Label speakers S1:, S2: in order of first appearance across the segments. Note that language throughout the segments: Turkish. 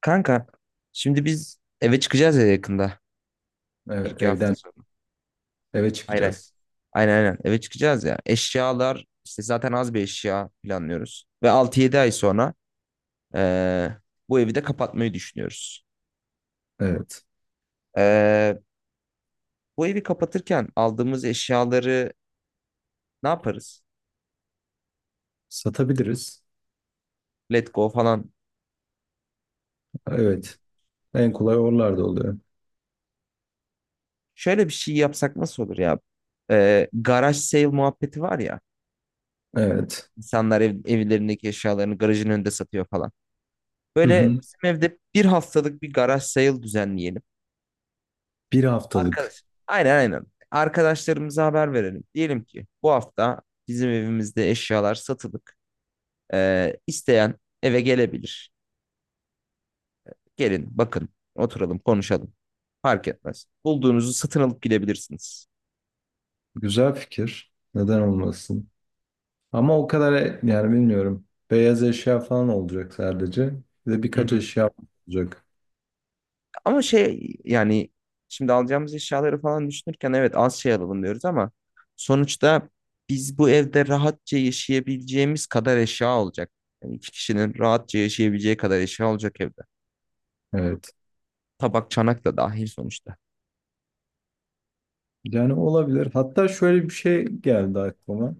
S1: Kanka şimdi biz eve çıkacağız ya yakında. Bir
S2: Evet,
S1: iki hafta
S2: evden
S1: sonra.
S2: eve
S1: Hayır hayır.
S2: çıkacağız.
S1: Aynen aynen eve çıkacağız ya. Eşyalar işte zaten az bir eşya planlıyoruz. Ve altı yedi ay sonra eee, bu evi de kapatmayı düşünüyoruz.
S2: Evet.
S1: Eee, bu evi kapatırken aldığımız eşyaları ne yaparız?
S2: Satabiliriz.
S1: Let go falan.
S2: Evet. En kolay oralarda oluyor.
S1: Şöyle bir şey yapsak nasıl olur ya? Garaj sale muhabbeti var ya.
S2: Evet.
S1: İnsanlar evlerindeki eşyalarını garajın önünde satıyor falan.
S2: Hı
S1: Böyle
S2: hı.
S1: bizim evde bir haftalık bir garaj sale düzenleyelim.
S2: Bir haftalık.
S1: Arkadaş. Aynen aynen. Arkadaşlarımıza haber verelim. Diyelim ki bu hafta bizim evimizde eşyalar satılık. İsteyen eve gelebilir. Gelin bakın oturalım konuşalım. Fark etmez. Bulduğunuzu satın alıp gidebilirsiniz.
S2: Güzel fikir. Neden olmasın? Ama o kadar yani bilmiyorum. Beyaz eşya falan olacak sadece. Bir de
S1: Hı hı.
S2: birkaç eşya olacak.
S1: Ama şey yani şimdi alacağımız eşyaları falan düşünürken evet az şey alalım diyoruz ama sonuçta biz bu evde rahatça yaşayabileceğimiz kadar eşya olacak. Yani iki kişinin rahatça yaşayabileceği kadar eşya olacak evde.
S2: Evet.
S1: Tabak çanak da dahil sonuçta.
S2: Yani olabilir. Hatta şöyle bir şey geldi aklıma.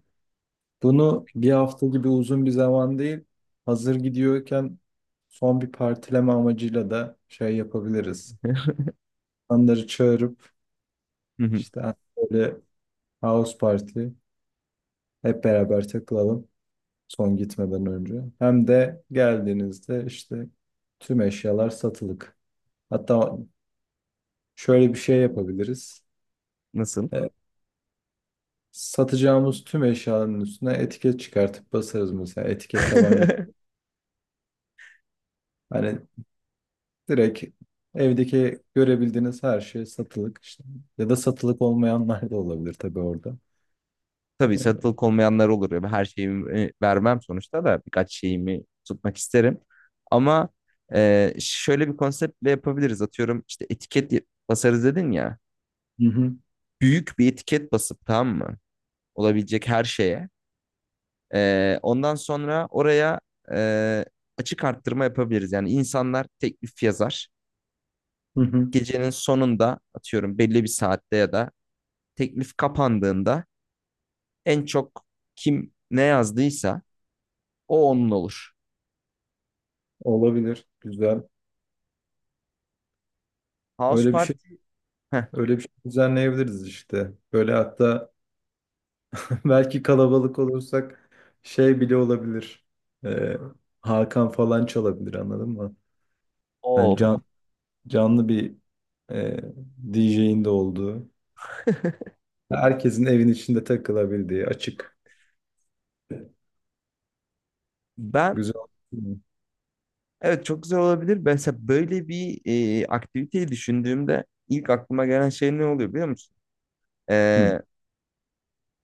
S2: Bunu bir hafta gibi uzun bir zaman değil. Hazır gidiyorken son bir partileme amacıyla da şey yapabiliriz, insanları çağırıp
S1: Hı hı.
S2: işte böyle house party hep beraber takılalım son gitmeden önce. Hem de geldiğinizde işte tüm eşyalar satılık. Hatta şöyle bir şey yapabiliriz.
S1: Nasıl?
S2: E, satacağımız tüm eşyaların üstüne etiket çıkartıp basarız mesela etiket tabanca. Hani direkt evdeki görebildiğiniz her şey satılık işte. Ya da satılık olmayanlar da olabilir tabii orada.
S1: Tabii satılık olmayanlar olur ya. Her şeyimi vermem sonuçta da birkaç şeyimi tutmak isterim. Ama şöyle bir konseptle yapabiliriz. Atıyorum işte etiket basarız dedin ya.
S2: Hı hı,
S1: Büyük bir etiket basıp tamam mı? Olabilecek her şeye. Ondan sonra oraya e, açık arttırma yapabiliriz. Yani insanlar teklif yazar.
S2: hı hı.
S1: Gecenin sonunda atıyorum belli bir saatte ya da teklif kapandığında en çok kim ne yazdıysa o onun olur.
S2: Olabilir. Güzel.
S1: House
S2: Öyle bir şey
S1: Party heh,
S2: Öyle bir şey düzenleyebiliriz işte. Böyle hatta belki kalabalık olursak şey bile olabilir. Ee, Hakan falan çalabilir anladın mı?
S1: o
S2: Hani
S1: olur.
S2: canlı bir e, DJ'in de olduğu. Herkesin evin içinde takılabildiği açık.
S1: Ben
S2: Güzel.
S1: evet çok güzel olabilir. Mesela böyle bir aktiviteyi düşündüğümde ilk aklıma gelen şey ne oluyor biliyor musun?
S2: Hı.
S1: Ee,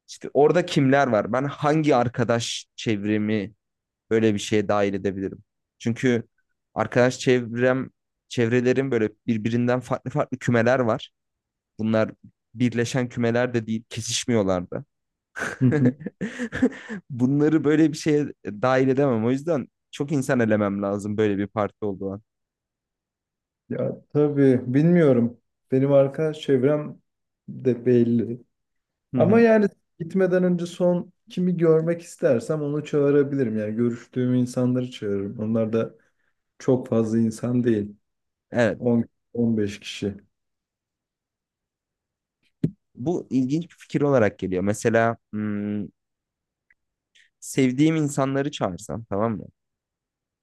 S1: işte orada kimler var? Ben hangi arkadaş çevremi böyle bir şeye dahil edebilirim? Çünkü arkadaş çevrelerin böyle birbirinden farklı farklı kümeler var. Bunlar birleşen kümeler de değil, kesişmiyorlar da.
S2: Hı hı.
S1: Bunları böyle bir şeye dahil edemem. O yüzden çok insan elemem lazım böyle bir parti olduğu an.
S2: Ya tabii bilmiyorum. Benim arkadaş çevrem de belli.
S1: Hı
S2: Ama
S1: hı.
S2: yani gitmeden önce son kimi görmek istersem onu çağırabilirim. Yani görüştüğüm insanları çağırırım. Onlar da çok fazla insan değil.
S1: Evet.
S2: 10 15 kişi.
S1: Bu ilginç bir fikir olarak geliyor. Mesela sevdiğim insanları çağırsam tamam mı?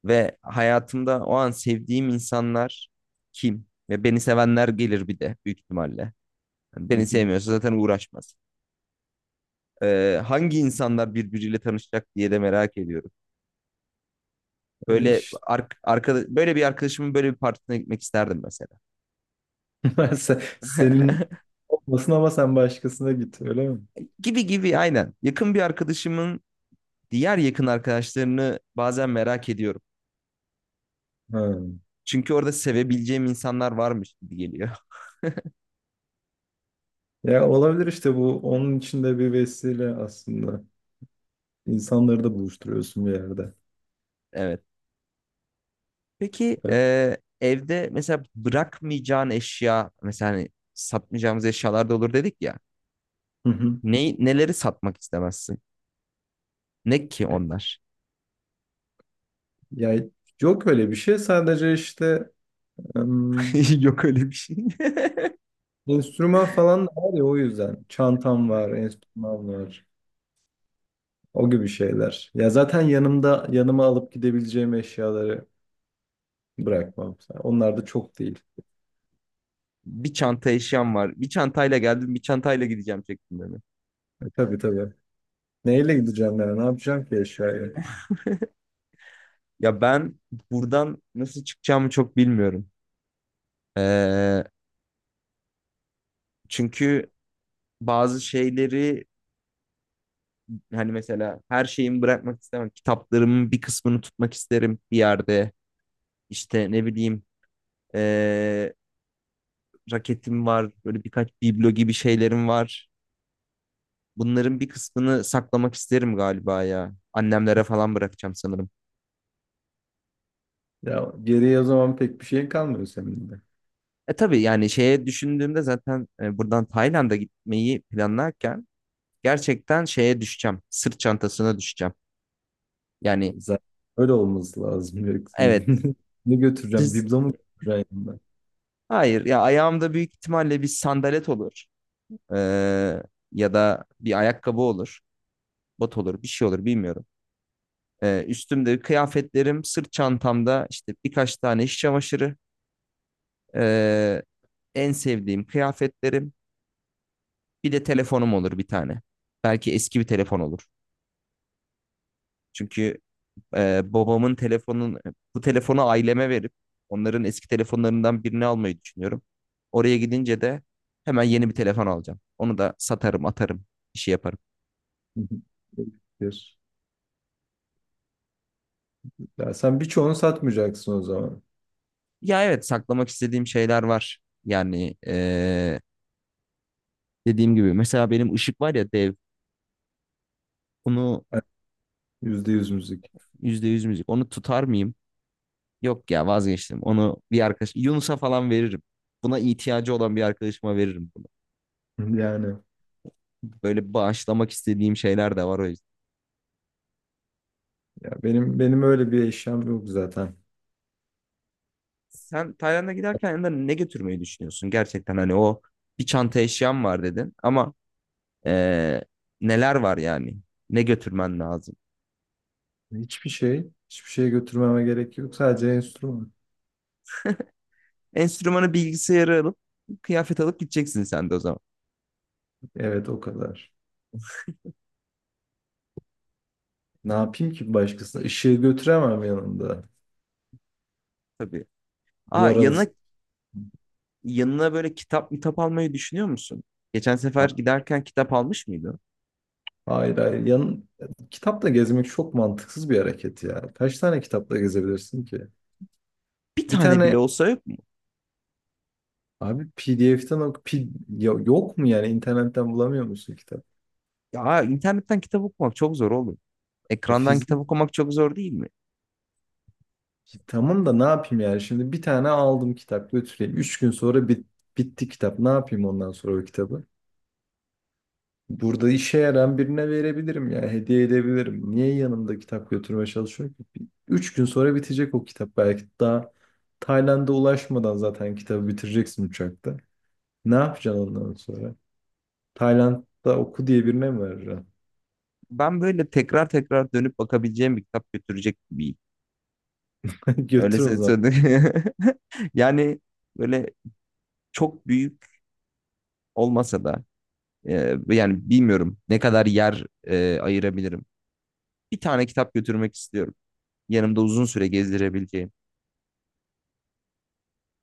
S1: Ve hayatımda o an sevdiğim insanlar kim? Ve beni sevenler gelir bir de büyük ihtimalle. Yani
S2: Hı
S1: beni
S2: hı.
S1: sevmiyorsa zaten uğraşmaz. Hangi insanlar birbiriyle tanışacak diye de merak ediyorum.
S2: Yani
S1: Böyle
S2: işte
S1: böyle bir arkadaşımın böyle bir partisine gitmek isterdim mesela.
S2: ben senin olmasın ama sen başkasına git öyle mi?
S1: Gibi gibi aynen. Yakın bir arkadaşımın diğer yakın arkadaşlarını bazen merak ediyorum.
S2: Ha.
S1: Çünkü orada sevebileceğim insanlar varmış gibi geliyor.
S2: Ya olabilir işte bu onun için de bir vesile aslında. İnsanları da buluşturuyorsun bir yerde.
S1: Evet. Peki
S2: Evet.
S1: evde mesela bırakmayacağın eşya mesela hani satmayacağımız eşyalar da olur dedik ya.
S2: Hı hı.
S1: Neleri satmak istemezsin? Ne ki onlar?
S2: Ya yok öyle bir şey sadece işte
S1: Yok öyle bir şey.
S2: enstrüman falan da var ya o yüzden. Çantam var, enstrüman var. O gibi şeyler. Ya zaten yanımda yanıma alıp gidebileceğim eşyaları bırakmam. Onlar da çok değil.
S1: Bir çanta eşyam var. Bir çantayla geldim, bir çantayla gideceğim şeklinde mi?
S2: Tabii tabii. Neyle gideceğim yani? Ne yapacağım ki eşyayı?
S1: Ya ben buradan nasıl çıkacağımı çok bilmiyorum. Ee, çünkü bazı şeyleri hani mesela her şeyimi bırakmak istemem. Kitaplarımın bir kısmını tutmak isterim bir yerde. İşte ne bileyim eee, raketim var. Böyle birkaç biblo gibi şeylerim var. Bunların bir kısmını saklamak isterim galiba ya. Annemlere falan bırakacağım sanırım.
S2: Ya geriye o zaman pek bir şey kalmıyor senin de.
S1: E tabii yani şeye düşündüğümde zaten buradan Tayland'a gitmeyi planlarken gerçekten şeye düşeceğim. Sırt çantasına düşeceğim. Yani
S2: Zaten öyle olması lazım. Yoksa
S1: evet.
S2: ne götüreceğim?
S1: siz-
S2: Biblo mu götüreceğim yanımda?
S1: Hayır ya ayağımda büyük ihtimalle bir sandalet olur. Ee, ya da bir ayakkabı olur, bot olur, bir şey olur bilmiyorum. Üstümde kıyafetlerim, sırt çantamda işte birkaç tane iş çamaşırı, ee, en sevdiğim kıyafetlerim, bir de telefonum olur bir tane. Belki eski bir telefon olur. Çünkü babamın telefonun bu telefonu aileme verip onların eski telefonlarından birini almayı düşünüyorum. Oraya gidince de hemen yeni bir telefon alacağım. Onu da satarım, atarım, bir şey yaparım.
S2: Ya sen birçoğunu satmayacaksın o zaman.
S1: Ya evet saklamak istediğim şeyler var. Yani dediğim gibi mesela benim ışık var ya dev. Onu
S2: Yani yüzde yüz müzik.
S1: %100 müzik. Onu tutar mıyım? Yok ya vazgeçtim. Onu bir arkadaş Yunus'a falan veririm. Buna ihtiyacı olan bir arkadaşıma veririm bunu.
S2: Yani.
S1: Böyle bağışlamak istediğim şeyler de var o yüzden.
S2: Ya benim öyle bir eşyam yok zaten.
S1: Sen Tayland'a giderken yanında ne götürmeyi düşünüyorsun? Gerçekten hani o bir çanta eşyam var dedin ama eee, neler var yani? Ne götürmen lazım?
S2: Hiçbir şey, hiçbir şey götürmeme gerek yok. Sadece enstrüman.
S1: Enstrümanı bilgisayarı alıp kıyafet alıp gideceksin sen de o zaman.
S2: Evet, o kadar. Ne yapayım ki başkasına? Işığı götüremem yanımda.
S1: Tabii. Aa
S2: Duvar alısı.
S1: yanına böyle kitap kitap almayı düşünüyor musun? Geçen sefer
S2: Ha-
S1: giderken kitap almış mıydı?
S2: Hayır hayır. Kitapla gezmek çok mantıksız bir hareket ya. Kaç tane kitapla gezebilirsin ki?
S1: Bir
S2: Bir
S1: tane
S2: tane
S1: bile olsa yok mu?
S2: abi PDF'den yok mu yani internetten bulamıyor musun kitap?
S1: Ya internetten kitap okumak çok zor oğlum.
S2: E,
S1: Ekrandan kitap
S2: fizik
S1: okumak çok zor değil mi?
S2: Ki Tamam da ne yapayım yani? Şimdi bir tane aldım kitap götüreyim. Üç gün sonra bitti kitap. Ne yapayım ondan sonra o kitabı? Burada işe yarayan birine verebilirim yani hediye edebilirim. Niye yanımda kitap götürmeye çalışıyorum ki? Üç gün sonra bitecek o kitap belki daha Tayland'a ulaşmadan zaten kitabı bitireceksin uçakta. Ne yapacaksın ondan sonra? Tayland'da oku diye birine mi vereceksin?
S1: Ben böyle tekrar tekrar dönüp bakabileceğim bir kitap götürecek bir. Öyle
S2: Götür o
S1: sö-
S2: zaman.
S1: Yani böyle çok büyük olmasa da yani bilmiyorum ne kadar yer ayırabilirim. Bir tane kitap götürmek istiyorum. Yanımda uzun süre gezdirebileceğim.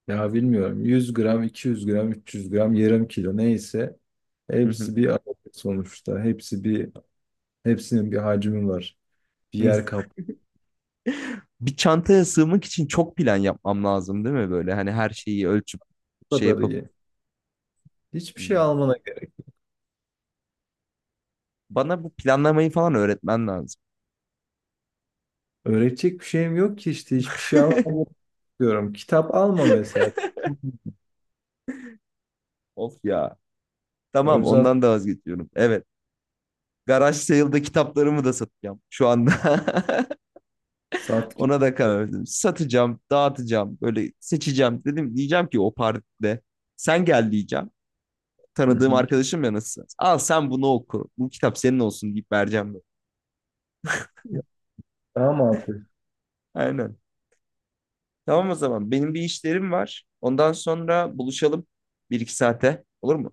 S2: Ya bilmiyorum 100 gram, 200 gram, 300 gram, yarım kilo neyse
S1: Hı
S2: hepsi bir adet sonuçta. Hepsinin bir hacmi var. Bir
S1: hı.
S2: yer kap
S1: Bir çantaya sığmak için çok plan yapmam lazım değil mi böyle? Hani her şeyi ölçüp
S2: Bu
S1: şey
S2: kadar
S1: yapıp
S2: iyi. Hiçbir şey
S1: Hmm.
S2: almana gerek.
S1: Bana bu planlamayı falan öğretmen lazım.
S2: Öğretecek bir şeyim yok ki işte hiçbir şey almamı diyorum. Kitap alma mesela.
S1: Of ya.
S2: O
S1: Tamam
S2: yüzden
S1: ondan da vazgeçiyorum. Evet. Garaj sale'da kitaplarımı da satacağım şu anda.
S2: sat git.
S1: Ona da karar verdim. Satacağım, dağıtacağım, böyle seçeceğim. Diyeceğim ki o partide sen gel diyeceğim.
S2: Hı
S1: Tanıdığım
S2: hı.
S1: arkadaşım ya nasıl? Al sen bunu oku. Bu kitap senin olsun deyip vereceğim. Böyle.
S2: Daha mı altı?
S1: Aynen. Tamam o zaman. Benim bir işlerim var. Ondan sonra buluşalım bir iki saate. Olur mu?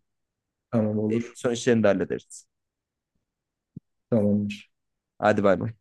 S2: Tamam
S1: Evin
S2: olur.
S1: son işlerini de hallederiz.
S2: Tamamdır.
S1: Hadi bay bay.